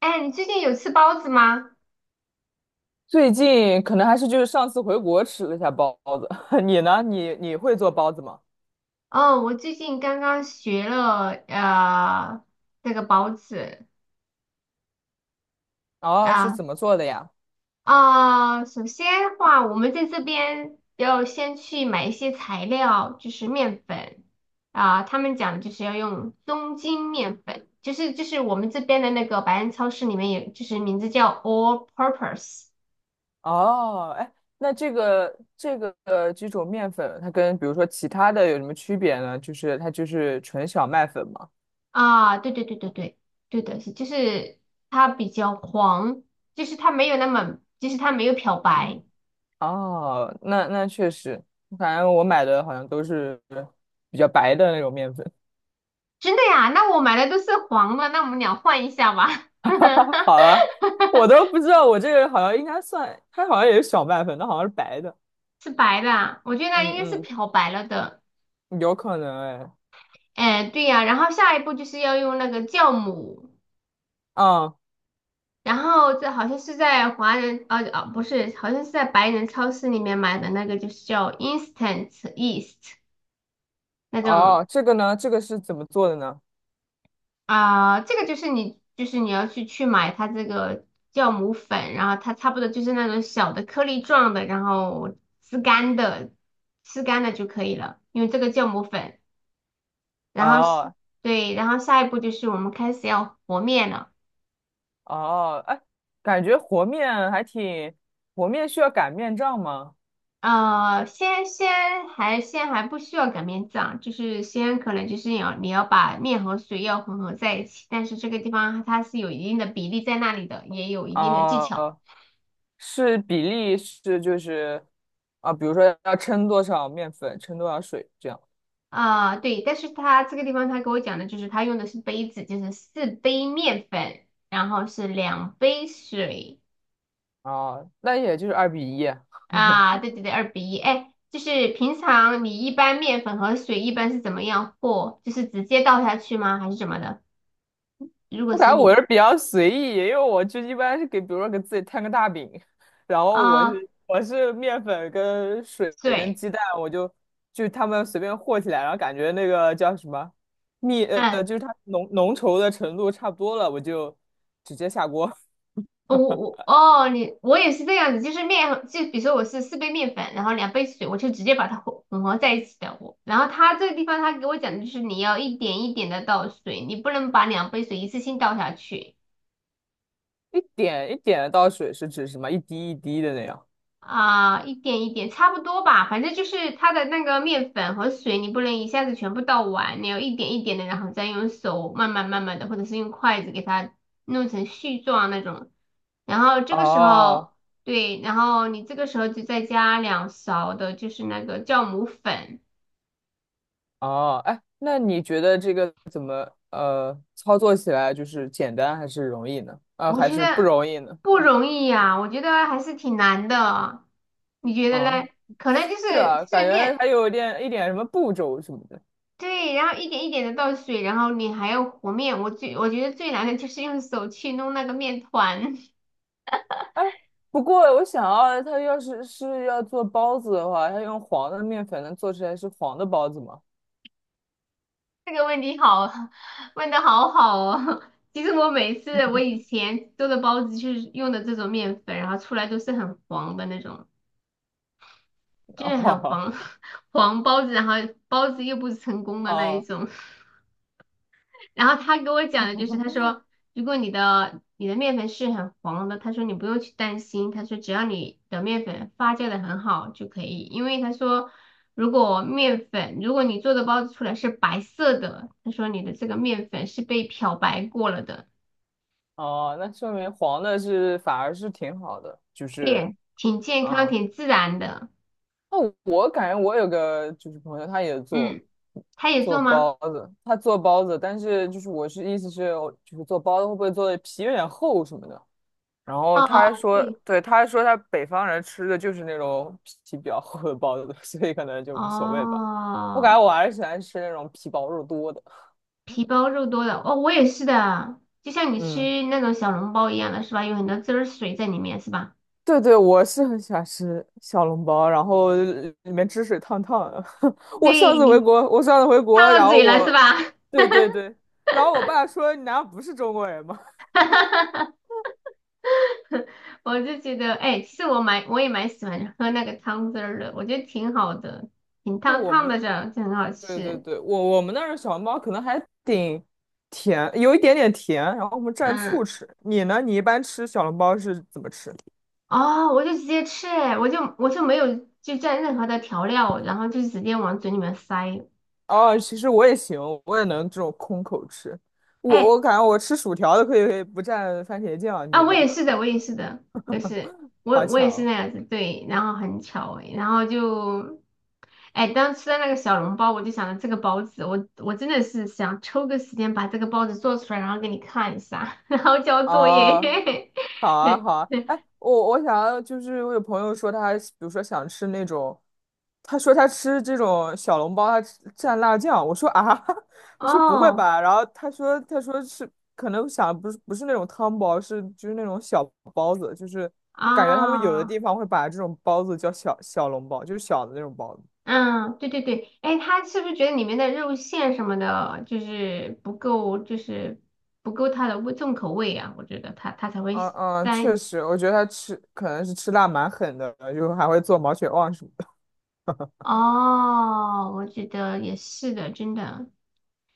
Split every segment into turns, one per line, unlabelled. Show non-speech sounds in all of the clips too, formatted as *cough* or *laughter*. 哎，你最近有吃包子吗？
最近可能还是就是上次回国吃了一下包子，*laughs* 你呢？你会做包子吗？
哦，我最近刚刚学了这个包子。
哦，是
啊。
怎么做的呀？
啊，首先的话，我们在这边要先去买一些材料，就是面粉。啊，他们讲就是要用中筋面粉，就是我们这边的那个百安超市里面有，就是名字叫 All Purpose。
哦，哎，那这个这种面粉，它跟比如说其他的有什么区别呢？就是它就是纯小麦粉嘛。
啊，对对对对对。对的是，就是它比较黄，就是它没有那么，就是它没有漂白。
哦，那确实，反正我买的好像都是比较白的那种面粉。
真的呀？那我买的都是黄的，那我们俩换一下吧。
*laughs* 好了，我
*laughs*
都不知道我这个好像应该算，它好像也是小麦粉，它好像是白的。
是白的啊，我觉得应该是
嗯
漂白了的。
嗯，有可能哎。
哎，对呀，然后下一步就是要用那个酵母。
啊。
然后这好像是在华人，啊不是，好像是在白人超市里面买的那个，就是叫 instant yeast 那种。
哦，这个呢，这个是怎么做的呢？
啊，这个就是你，就是你要去买它这个酵母粉，然后它差不多就是那种小的颗粒状的，然后吃干的，吃干的就可以了，因为这个酵母粉。然后是
哦
对，然后下一步就是我们开始要和面了。
哦，哎，感觉和面还挺，和面需要擀面杖吗？
先还不需要擀面杖，就是先可能就是你要你要把面和水要混合在一起，但是这个地方它是有一定的比例在那里的，也有一定的技巧。
哦，是比例是就是啊，比如说要称多少面粉，称多少水这样。
啊，对，但是他这个地方他给我讲的就是他用的是杯子，就是四杯面粉，然后是两杯水。
哦，那也就是二比一。*laughs*
啊，对对对，2比1。哎，就是平常你一般面粉和水一般是怎么样和？就是直接倒下去吗？还是怎么的？如果
我感
是
觉我
你。
是比较随意，因为我就一般是给，比如说给自己摊个大饼，然后我
啊，
是我是面粉跟水跟
对，
鸡蛋，我就他们随便和起来，然后感觉那个叫什么蜜
嗯。
就是它浓浓稠的程度差不多了，我就直接下锅。
哦，我哦，你我也是这样子，就是面和就比如说我是四杯面粉，然后两杯水，我就直接把它混合在一起的。我，然后他这个地方他给我讲的就是你要一点一点的倒水，你不能把两杯水一次性倒下去。
一点一点的倒水是指什么？一滴一滴的那样。
啊，一点一点，差不多吧。反正就是它的那个面粉和水，你不能一下子全部倒完，你要一点一点的，然后再用手慢慢慢慢的，或者是用筷子给它弄成絮状那种。然后这个时
哦
候，对，然后你这个时候就再加两勺的，就是那个酵母粉。
哦，哎，那你觉得这个怎么操作起来就是简单还是容易呢？
我
还
觉
是不
得
容易呢？
不容易呀，我觉得还是挺难的。你觉得
啊，
嘞？可能就
是
是
啊，
就
感
是
觉
面。
还有点一点什么步骤什么的。
对，然后一点一点的倒水，然后你还要和面。我觉得最难的就是用手去弄那个面团。
哎，不过我想要，他要是是要做包子的话，他用黄的面粉能做出来是黄的包子吗？
*laughs* 这个问题好，问的好好哦。*laughs* 其实我每次我以前做的包子就是用的这种面粉，然后出来都是很黄的那种，
*laughs*
就是很
哦
黄。 *laughs* 黄包子，然后包子又不成功的那一
哦
种。然后他给我讲的就是，他说如果你的你的面粉是很黄的，他说你不用去担心，他说只要你的面粉发酵的很好就可以，因为他说如果面粉如果你做的包子出来是白色的，他说你的这个面粉是被漂白过了的。
哦，那说明黄的是反而是挺好的，就是
对，挺健康
啊。
挺自然的。
那我感觉我有个就是朋友，他也做
嗯，他也
做
做吗？
包子，他做包子，但是就是我是意思是我就是做包子会不会做的皮有点厚什么的？然后他还
哦，
说，
对。
对，他还说他北方人吃的就是那种皮比较厚的包子，*laughs* 所以可能就无所谓吧。我感
哦，
觉我还是喜欢吃那种皮薄肉多的。
皮包肉多的哦，我也是的啊，就像你
嗯，
吃那种小笼包一样的是吧？有很多汁儿水在里面是吧？
对对，我是很喜欢吃小笼包，然后里面汁水烫烫的。*laughs* 我上次回
对，
国，我上次回国，
烫到
然后
嘴了是
我，
吧？
对对对，然后我爸说你难道不是中国人吗？*laughs*
*laughs* 我就觉得，哎，其实我蛮我也喜欢喝那个汤汁儿的，我觉得挺好的，挺
对
烫
我
烫
们
的着就很好
对对
吃。
对，我我们那儿的小笼包可能还挺甜，有一点点甜，然后我们蘸醋
嗯。
吃。你呢？你一般吃小笼包是怎么吃？
哦，我就直接吃，哎，我就没有就蘸任何的调料，然后就直接往嘴里面塞。
哦，其实我也行，我也能这种空口吃。我
哎，
我感觉我吃薯条都可以可以不蘸番茄酱，
啊，
你
我
呢？
也是的，我也是的，我也是，我
好
我也是
巧
那样子。对，然后很巧诶，然后就，哎，当吃到那个小笼包，我就想着这个包子，我真的是想抽个时间把这个包子做出来，然后给你看一下，*laughs* 然后交作
哦，
业。
好啊好
*laughs*
啊。哎，我想要就是我有朋友说他，比如说想吃那种他说他吃这种小笼包，他吃蘸辣酱。我说啊，*laughs* 我说不会
哦，
吧？然后他说是可能想不是不是那种汤包，是就是那种小包子，就是他感觉他们有的
啊，
地方会把这种包子叫小笼包，就是小的那种包子。
嗯，对对对，哎，他是不是觉得里面的肉馅什么的，就是不够，就是不够它的味重口味啊？我觉得他才会
嗯嗯，确
沾。
实，我觉得他吃可能是吃辣蛮狠的，就还会做毛血旺什么的。
哦，我觉得也是的，真的。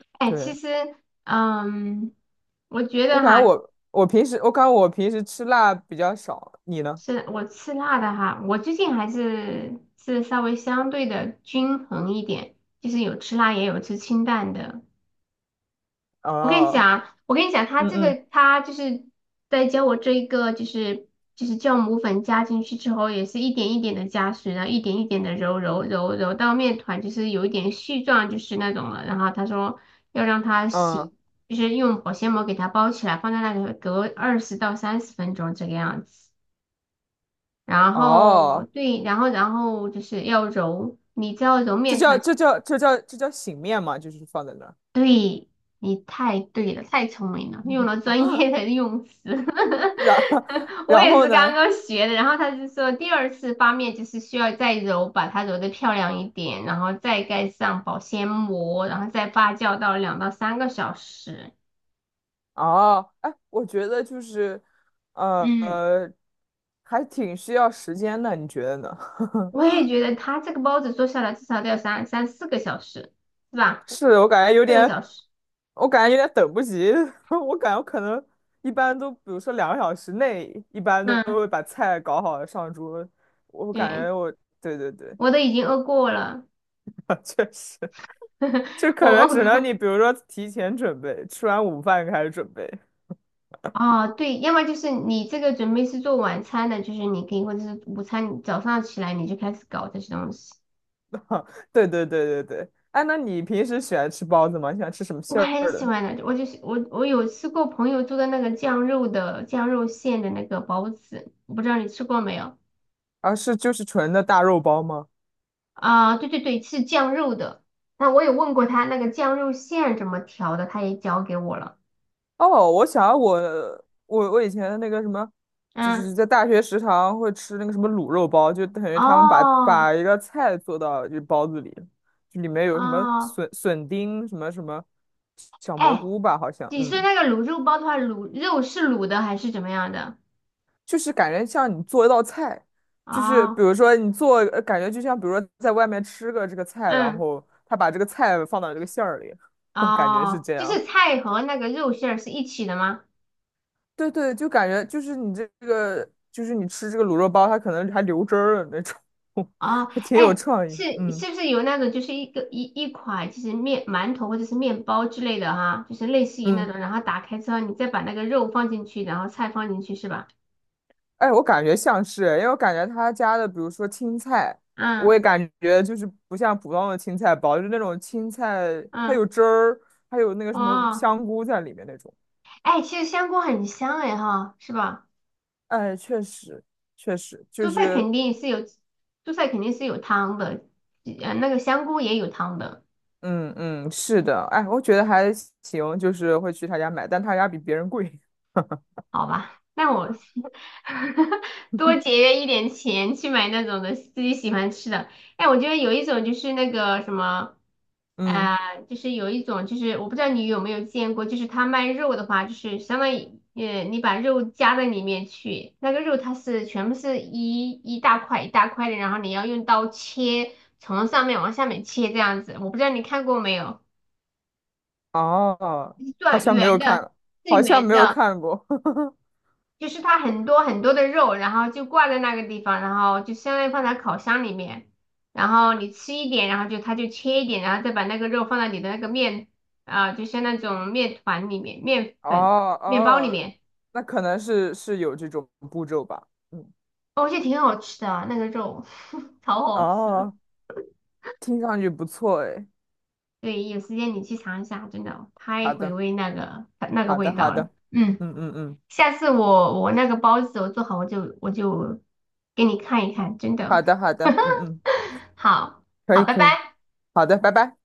*laughs*
哎，其
对，
实，嗯，我觉
我
得
感觉
哈，
我平时吃辣比较少，你呢？
是我吃辣的哈，我最近还是稍微相对的均衡一点，就是有吃辣也有吃清淡的。我跟你
哦，
讲，我跟你讲，他
嗯
这个
嗯
他就是在教我这一个，就是酵母粉加进去之后，也是一点一点的加水，然后一点一点的揉揉揉揉到面团就是有一点絮状，就是那种了。然后他说要让它
嗯，
洗，就是用保鲜膜给它包起来，放在那里隔20到30分钟这个样子。然后
哦。
对，然后就是要揉，你知道揉
这
面
叫
团。
这叫这叫这叫醒面嘛，就是放在那儿，
对，你太对了，太聪明了，用了专业的用词。
然后
*laughs* 我
然
也
后
是刚
呢？
刚学的，然后他就说第二次发面就是需要再揉，把它揉的漂亮一点，然后再盖上保鲜膜，然后再发酵到2到3个小时。
哦，哎，我觉得就是，呃，
嗯，
呃还挺需要时间的，你觉得呢？
我也觉得他这个包子做下来至少得要三四个小时，是
*laughs*
吧？
是我感觉有
四个
点，
小时。
我感觉有点等不及，*laughs* 我感觉我可能一般都，比如说两个小时内，一般都
嗯，
会把菜搞好上桌，我感觉
对，
我，对对对，
我都已经饿过了，
*laughs* 确实，就
*laughs* 我
可能只能你
饿。
比如说提前准备，吃完午饭开始准备。
哦，对，要么就是你这个准备是做晚餐的，就是你可以，或者是午餐，早上起来你就开始搞这些东西。
*laughs* 对对对对对，哎，那你平时喜欢吃包子吗？你喜欢吃什么
我
馅
很
儿
喜
的？
欢的，我就是我有吃过朋友做的那个酱肉的酱肉馅的那个包子，我不知道你吃过没有？
啊，是就是纯的大肉包吗？
啊、对对对，是酱肉的。那我有问过他那个酱肉馅怎么调的，他也教给我了。
哦，我想我以前那个什么，就
嗯，
是在大学食堂会吃那个什么卤肉包，就等于他们把
哦
把一个菜做到就包子里，就里面有什么
哦，
笋丁什么什么小蘑
哎，
菇吧，好像，
你说
嗯，
那个卤肉包的话，卤肉是卤的还是怎么样的？
就是感觉像你做一道菜，就是
哦，
比如说你做，感觉就像比如说在外面吃个这个菜，然
嗯。
后他把这个菜放到这个馅儿里，*laughs* 感觉是
哦，
这
就
样。
是菜和那个肉馅儿是一起的吗？
对对，就感觉就是你这个，就是你吃这个卤肉包，它可能还流汁儿了那种，
哦，
*laughs* 还挺有
哎，
创
是
意。嗯
是不是有那种就是一个一款就是面馒头或者是面包之类的哈，就是类似于那
嗯，
种，然后打开之后你再把那个肉放进去，然后菜放进去是吧？
哎，我感觉像是，因为我感觉他家的，比如说青菜，我
嗯
也感觉就是不像普通的青菜包，就是那种青菜，它有
嗯。
汁儿，还有那个什么
哦，
香菇在里面那种。
哎，其实香菇很香哎哈，是吧？
哎，确实，确实就
蔬菜
是，
肯定是有，蔬菜肯定是有汤的，那个香菇也有汤的。
嗯嗯，是的，哎，我觉得还行，就是会去他家买，但他家比别人贵。*laughs*
好吧，那我是 *laughs* 多节约一点钱去买那种的自己喜欢吃的。哎，我觉得有一种就是那个什么，
嗯，
啊，就是有一种就是我不知道你有没有见过，就是他卖肉的话，就是相当于你把肉夹在里面去，那个肉它是全部是一大块一大块的，然后你要用刀切，从上面往下面切这样子。我不知道你看过没有，
哦，
一
好
段
像没
圆
有
的，
看，
是
好像
圆
没有
的。
看过。*laughs*
就是它很多很多的肉，然后就挂在那个地方，然后就相当于放在烤箱里面，然后你吃一点，然后就它就切一点，然后再把那个肉放到你的那个面。啊、就像那种面团里面、面
哦
粉、面包里
哦，
面。
那可能是是有这种步骤吧。嗯，
哦，我觉得挺好吃的那个肉，*laughs* 超好吃。
哦，听上去不错哎。
对，有时间你去尝一下，真的太
好
回
的，
味那个那个
好
味
的，好
道了。
的。
嗯，
嗯嗯嗯，
下次我那个包子我做好，我就给你看一看，真
好
的
的，好的，嗯嗯，
*laughs* 好
可
好，
以
拜
可以，
拜。
好的，拜拜。